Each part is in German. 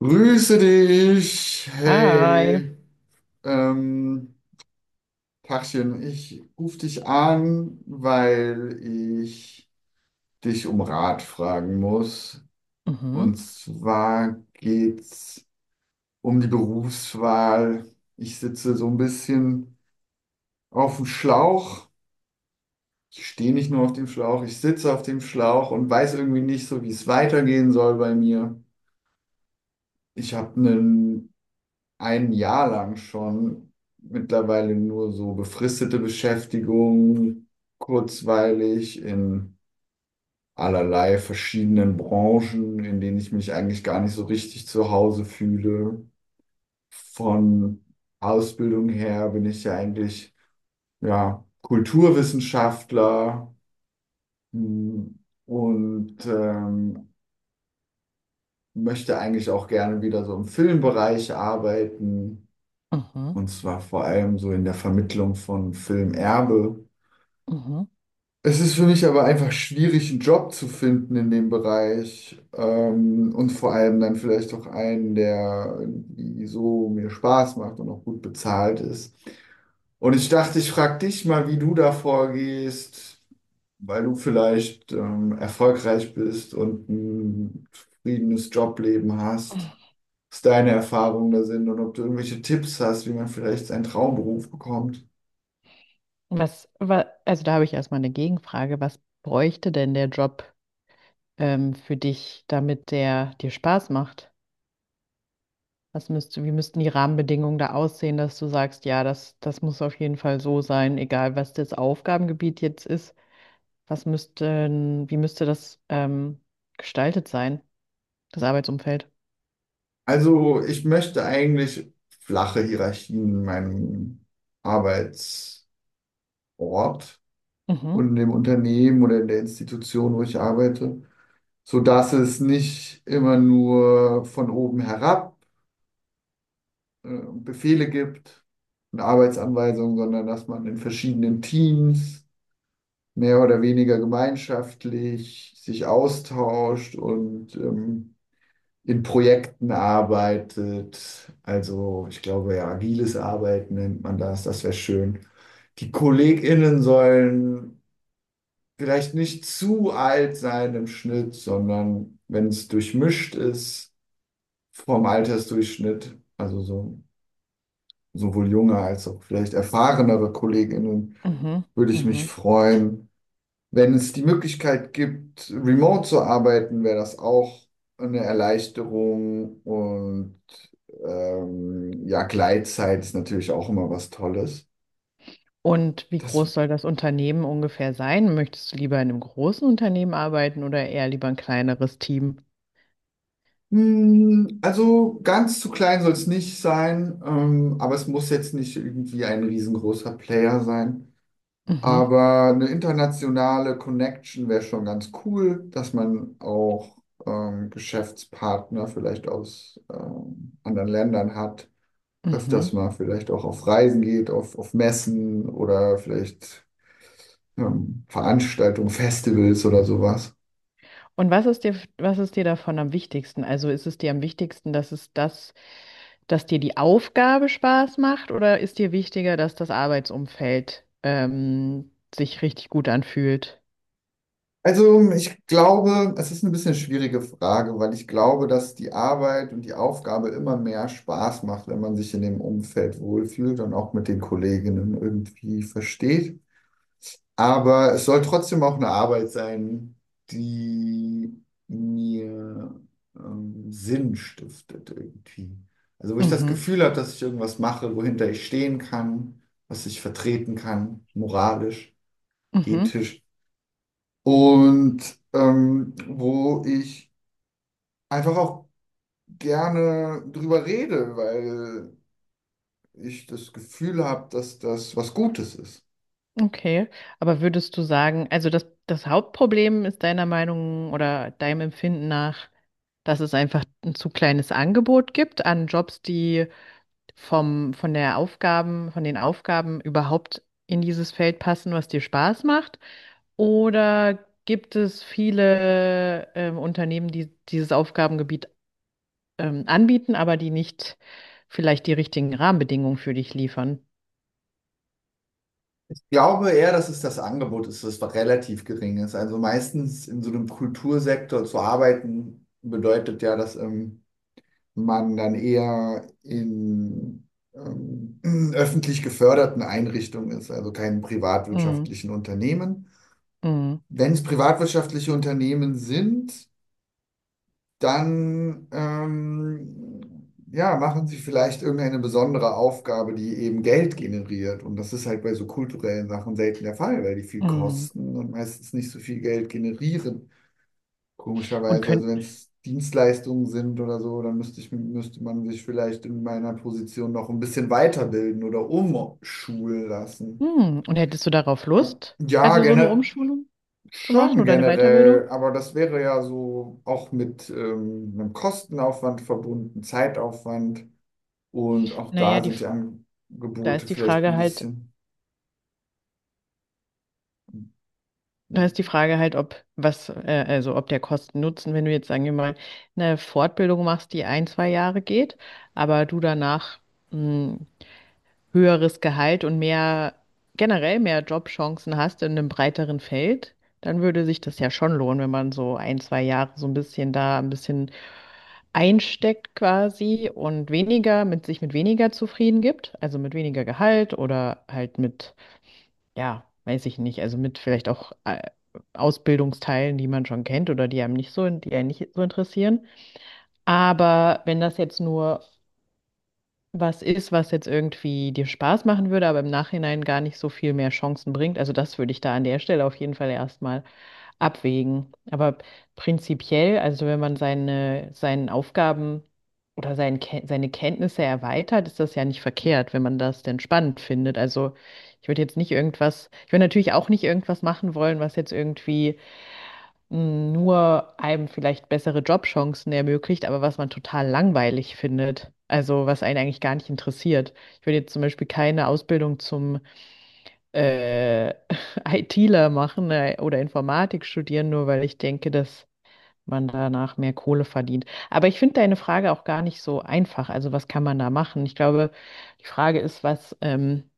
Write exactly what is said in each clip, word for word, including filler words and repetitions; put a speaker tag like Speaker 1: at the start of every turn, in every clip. Speaker 1: Grüße dich.
Speaker 2: Hi.
Speaker 1: Hey, ähm, Tachchen, ich rufe dich an, weil ich dich um Rat fragen muss. Und
Speaker 2: Mhm,
Speaker 1: zwar geht's um die Berufswahl. Ich sitze so ein bisschen auf dem Schlauch. Ich stehe nicht nur auf dem Schlauch, ich sitze auf dem Schlauch und weiß irgendwie nicht so, wie es weitergehen soll bei mir. Ich habe ein Jahr lang schon mittlerweile nur so befristete Beschäftigung, kurzweilig in allerlei verschiedenen Branchen, in denen ich mich eigentlich gar nicht so richtig zu Hause fühle. Von Ausbildung her bin ich ja eigentlich ja, Kulturwissenschaftler, hm, und ähm, möchte eigentlich auch gerne wieder so im Filmbereich arbeiten.
Speaker 2: mhm,
Speaker 1: Und zwar vor allem so in der Vermittlung von Filmerbe.
Speaker 2: mhm.
Speaker 1: Es ist für mich aber einfach schwierig, einen Job zu finden in dem Bereich. Ähm, und vor allem dann vielleicht auch einen, der irgendwie so mir Spaß macht und auch gut bezahlt ist. Und ich dachte, ich frage dich mal, wie du da vorgehst, weil du vielleicht ähm, erfolgreich bist und ein zufriedenes Jobleben hast, was deine Erfahrungen da sind und ob du irgendwelche Tipps hast, wie man vielleicht seinen Traumberuf bekommt.
Speaker 2: Was, wa- also da habe ich erstmal eine Gegenfrage. Was bräuchte denn der Job ähm, für dich, damit der dir Spaß macht? Was müsste, wie müssten die Rahmenbedingungen da aussehen, dass du sagst, ja, das, das muss auf jeden Fall so sein, egal was das Aufgabengebiet jetzt ist. Was müsste, wie müsste das ähm, gestaltet sein, das Arbeitsumfeld?
Speaker 1: Also ich möchte eigentlich flache Hierarchien in meinem Arbeitsort
Speaker 2: Mhm,
Speaker 1: und in dem Unternehmen oder in der Institution, wo ich arbeite, sodass es nicht immer nur von oben herab äh, Befehle gibt und Arbeitsanweisungen, sondern dass man in verschiedenen Teams mehr oder weniger gemeinschaftlich sich austauscht und ähm, in Projekten arbeitet. Also ich glaube, ja, agiles Arbeiten nennt man das. Das wäre schön. Die KollegInnen sollen vielleicht nicht zu alt sein im Schnitt, sondern wenn es durchmischt ist vom Altersdurchschnitt, also so, sowohl junge als auch vielleicht erfahrenere KollegInnen,
Speaker 2: mhm,
Speaker 1: würde ich mich
Speaker 2: mhm.
Speaker 1: freuen. Wenn es die Möglichkeit gibt, remote zu arbeiten, wäre das auch eine Erleichterung und ähm, ja, Gleitzeit ist natürlich auch immer was Tolles.
Speaker 2: Und wie
Speaker 1: Das,
Speaker 2: groß soll das Unternehmen ungefähr sein? Möchtest du lieber in einem großen Unternehmen arbeiten oder eher lieber ein kleineres Team?
Speaker 1: mh, also ganz zu klein soll es nicht sein, ähm, aber es muss jetzt nicht irgendwie ein riesengroßer Player sein.
Speaker 2: Mhm,
Speaker 1: Aber eine internationale Connection wäre schon ganz cool, dass man auch ähm, Geschäftspartner vielleicht aus ähm, anderen Ländern hat, öfters
Speaker 2: mhm.
Speaker 1: mal vielleicht auch auf Reisen geht, auf, auf Messen oder vielleicht ähm, Veranstaltungen, Festivals oder sowas.
Speaker 2: Und was ist dir, was ist dir davon am wichtigsten? Also ist es dir am wichtigsten, dass es das, dass dir die Aufgabe Spaß macht oder ist dir wichtiger, dass das Arbeitsumfeld ähm, sich richtig gut anfühlt?
Speaker 1: Also ich glaube, es ist eine bisschen schwierige Frage, weil ich glaube, dass die Arbeit und die Aufgabe immer mehr Spaß macht, wenn man sich in dem Umfeld wohlfühlt und auch mit den Kolleginnen irgendwie versteht. Aber es soll trotzdem auch eine Arbeit sein, die mir ähm, Sinn stiftet irgendwie. Also wo ich das
Speaker 2: Mhm,
Speaker 1: Gefühl habe, dass ich irgendwas mache, wohinter ich stehen kann, was ich vertreten kann, moralisch,
Speaker 2: mhm.
Speaker 1: ethisch. Und ähm, wo ich einfach auch gerne drüber rede, weil ich das Gefühl habe, dass das was Gutes ist.
Speaker 2: Okay, aber würdest du sagen, also das, das Hauptproblem ist deiner Meinung oder deinem Empfinden nach, dass es einfach ein zu kleines Angebot gibt an Jobs, die vom, von der Aufgaben, von den Aufgaben überhaupt in dieses Feld passen, was dir Spaß macht? Oder gibt es viele ähm, Unternehmen, die dieses Aufgabengebiet ähm, anbieten, aber die nicht vielleicht die richtigen Rahmenbedingungen für dich liefern?
Speaker 1: Ich glaube eher, dass es das Angebot ist, das relativ gering ist. Also meistens in so einem Kultursektor zu arbeiten, bedeutet ja, dass ähm, man dann eher in ähm, öffentlich geförderten Einrichtungen ist, also keinen
Speaker 2: Mm,
Speaker 1: privatwirtschaftlichen Unternehmen.
Speaker 2: mm,
Speaker 1: Wenn es privatwirtschaftliche Unternehmen sind, dann ähm, ja, machen sie vielleicht irgendeine besondere Aufgabe, die eben Geld generiert. Und das ist halt bei so kulturellen Sachen selten der Fall, weil die viel
Speaker 2: mm.
Speaker 1: kosten und meistens nicht so viel Geld generieren.
Speaker 2: Und
Speaker 1: Komischerweise,
Speaker 2: können
Speaker 1: also wenn es Dienstleistungen sind oder so, dann müsste ich, müsste man sich vielleicht in meiner Position noch ein bisschen weiterbilden oder umschulen lassen.
Speaker 2: Hm, und hättest du darauf Lust,
Speaker 1: Ja,
Speaker 2: also so eine
Speaker 1: generell.
Speaker 2: Umschulung zu machen
Speaker 1: Schon
Speaker 2: oder eine
Speaker 1: generell,
Speaker 2: Weiterbildung?
Speaker 1: aber das wäre ja so auch mit ähm, einem Kostenaufwand verbunden, Zeitaufwand, und auch
Speaker 2: Na ja,
Speaker 1: da
Speaker 2: die
Speaker 1: sind die
Speaker 2: F da
Speaker 1: Angebote
Speaker 2: ist die
Speaker 1: vielleicht
Speaker 2: Frage
Speaker 1: ein
Speaker 2: halt
Speaker 1: bisschen.
Speaker 2: Da ist die Frage halt, ob was äh, also, ob der Kosten-Nutzen, wenn du jetzt, sagen wir mal, eine Fortbildung machst, die ein zwei Jahre geht, aber du danach, hm höheres Gehalt und mehr, generell mehr Jobchancen hast in einem breiteren Feld, dann würde sich das ja schon lohnen, wenn man so ein, zwei Jahre so ein bisschen da ein bisschen einsteckt quasi und weniger mit sich mit weniger zufrieden gibt, also mit weniger Gehalt oder halt mit, ja, weiß ich nicht, also mit vielleicht auch äh, Ausbildungsteilen, die man schon kennt oder die einem nicht so, die einen nicht so interessieren. Aber wenn das jetzt nur was ist, was jetzt irgendwie dir Spaß machen würde, aber im Nachhinein gar nicht so viel mehr Chancen bringt. Also das würde ich da an der Stelle auf jeden Fall erstmal abwägen. Aber prinzipiell, also wenn man seine, seinen Aufgaben oder seinen, Ken- seine Kenntnisse erweitert, ist das ja nicht verkehrt, wenn man das denn spannend findet. Also ich würde jetzt nicht irgendwas, ich würde natürlich auch nicht irgendwas machen wollen, was jetzt irgendwie nur einem vielleicht bessere Jobchancen ermöglicht, aber was man total langweilig findet. Also was einen eigentlich gar nicht interessiert. Ich würde jetzt zum Beispiel keine Ausbildung zum äh, ITler machen äh, oder Informatik studieren, nur weil ich denke, dass man danach mehr Kohle verdient. Aber ich finde deine Frage auch gar nicht so einfach. Also was kann man da machen? Ich glaube, die Frage ist, was ähm,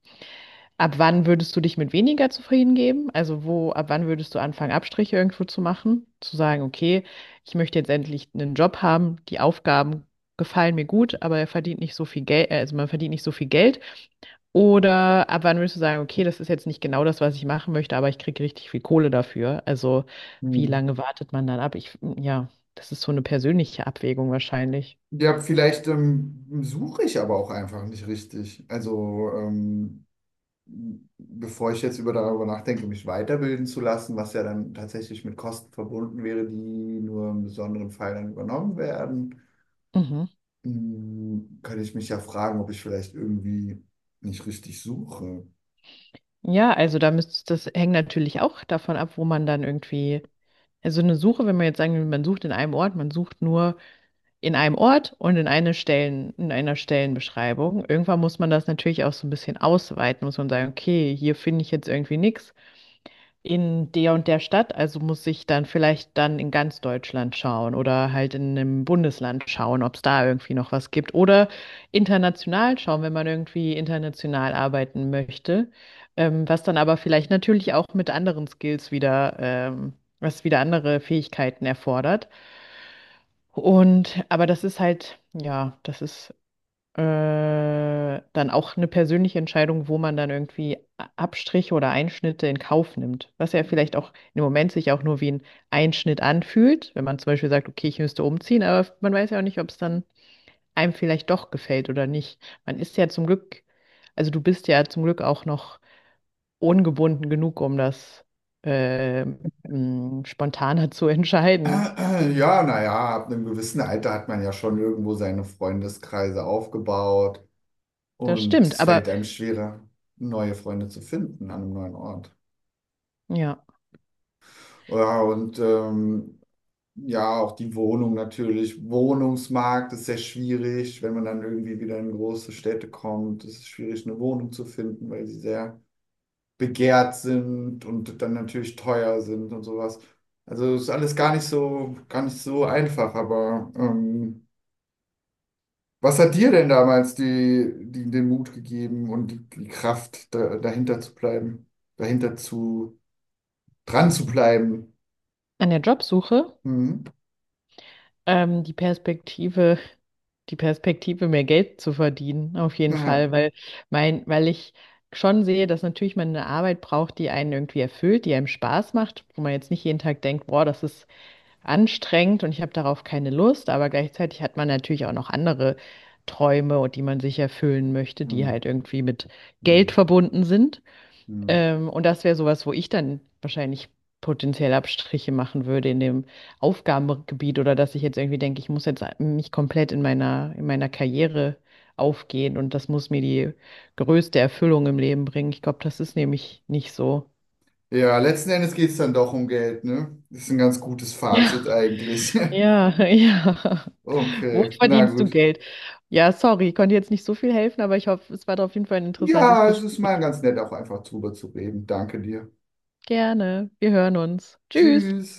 Speaker 2: ab wann würdest du dich mit weniger zufrieden geben? Also wo, ab wann würdest du anfangen, Abstriche irgendwo zu machen? Zu sagen, okay, ich möchte jetzt endlich einen Job haben, die Aufgaben gefallen mir gut, aber er verdient nicht so viel Geld, also man verdient nicht so viel Geld. Oder ab wann würdest du sagen, okay, das ist jetzt nicht genau das, was ich machen möchte, aber ich kriege richtig viel Kohle dafür. Also wie
Speaker 1: Hm.
Speaker 2: lange wartet man dann ab? Ich, ja, das ist so eine persönliche Abwägung wahrscheinlich.
Speaker 1: Ja, vielleicht ähm, suche ich aber auch einfach nicht richtig. Also ähm, bevor ich jetzt über darüber nachdenke, mich weiterbilden zu lassen, was ja dann tatsächlich mit Kosten verbunden wäre, die nur im besonderen Fall dann übernommen werden.
Speaker 2: Mhm.
Speaker 1: Hm, könnte ich mich ja fragen, ob ich vielleicht irgendwie nicht richtig suche.
Speaker 2: Ja, also da müsst, das hängt natürlich auch davon ab, wo man dann irgendwie, also eine Suche, wenn man jetzt sagen will, man sucht in einem Ort, man sucht nur in einem Ort und in eine Stellen, in einer Stellenbeschreibung. Irgendwann muss man das natürlich auch so ein bisschen ausweiten, muss man sagen, okay, hier finde ich jetzt irgendwie nichts in der und der Stadt, also muss ich dann vielleicht dann in ganz Deutschland schauen oder halt in einem Bundesland schauen, ob es da irgendwie noch was gibt oder international schauen, wenn man irgendwie international arbeiten möchte, ähm, was dann aber vielleicht natürlich auch mit anderen Skills wieder, ähm, was wieder andere Fähigkeiten erfordert. Und aber das ist halt, ja, das ist äh, dann auch eine persönliche Entscheidung, wo man dann irgendwie A- Abstriche oder Einschnitte in Kauf nimmt. Was ja vielleicht auch im Moment sich auch nur wie ein Einschnitt anfühlt, wenn man zum Beispiel sagt, okay, ich müsste umziehen, aber man weiß ja auch nicht, ob es dann einem vielleicht doch gefällt oder nicht. Man ist ja zum Glück, also du bist ja zum Glück auch noch ungebunden genug, um das äh, mh, spontaner zu entscheiden.
Speaker 1: Ja, naja, ab einem gewissen Alter hat man ja schon irgendwo seine Freundeskreise aufgebaut
Speaker 2: Das
Speaker 1: und
Speaker 2: stimmt,
Speaker 1: es
Speaker 2: aber
Speaker 1: fällt einem schwerer, neue Freunde zu finden an einem neuen Ort.
Speaker 2: ja,
Speaker 1: Ja, und ähm, ja, auch die Wohnung natürlich. Wohnungsmarkt ist sehr schwierig, wenn man dann irgendwie wieder in große Städte kommt. Es ist schwierig, eine Wohnung zu finden, weil sie sehr begehrt sind und dann natürlich teuer sind und sowas. Also ist alles gar nicht so, gar nicht so einfach, aber ähm, was hat dir denn damals die, die, den Mut gegeben und die, die Kraft, da, dahinter zu bleiben, dahinter zu, dran zu bleiben?
Speaker 2: an der Jobsuche.
Speaker 1: Hm?
Speaker 2: Ähm, die Perspektive, die Perspektive, mehr Geld zu verdienen, auf jeden Fall,
Speaker 1: Naja.
Speaker 2: weil mein, weil ich schon sehe, dass natürlich man eine Arbeit braucht, die einen irgendwie erfüllt, die einem Spaß macht, wo man jetzt nicht jeden Tag denkt, boah, das ist anstrengend und ich habe darauf keine Lust, aber gleichzeitig hat man natürlich auch noch andere Träume und die man sich erfüllen möchte, die
Speaker 1: Hm.
Speaker 2: halt irgendwie mit Geld
Speaker 1: Hm.
Speaker 2: verbunden sind.
Speaker 1: Hm.
Speaker 2: Ähm, und das wäre sowas, wo ich dann wahrscheinlich potenziell Abstriche machen würde in dem Aufgabengebiet oder dass ich jetzt irgendwie denke, ich muss jetzt mich komplett in meiner, in meiner Karriere aufgehen und das muss mir die größte Erfüllung im Leben bringen. Ich glaube, das ist nämlich nicht so.
Speaker 1: Ja, letzten Endes geht es dann doch um Geld, ne? Das ist ein ganz gutes Fazit eigentlich.
Speaker 2: Ja, ja, ja. Wo
Speaker 1: Okay, na
Speaker 2: verdienst du
Speaker 1: gut.
Speaker 2: Geld? Ja, sorry, ich konnte jetzt nicht so viel helfen, aber ich hoffe, es war auf jeden Fall ein interessantes
Speaker 1: Ja, es ist
Speaker 2: Gespräch.
Speaker 1: mal ganz nett, auch einfach drüber zu reden. Danke dir.
Speaker 2: Gerne. Wir hören uns. Tschüss.
Speaker 1: Tschüss.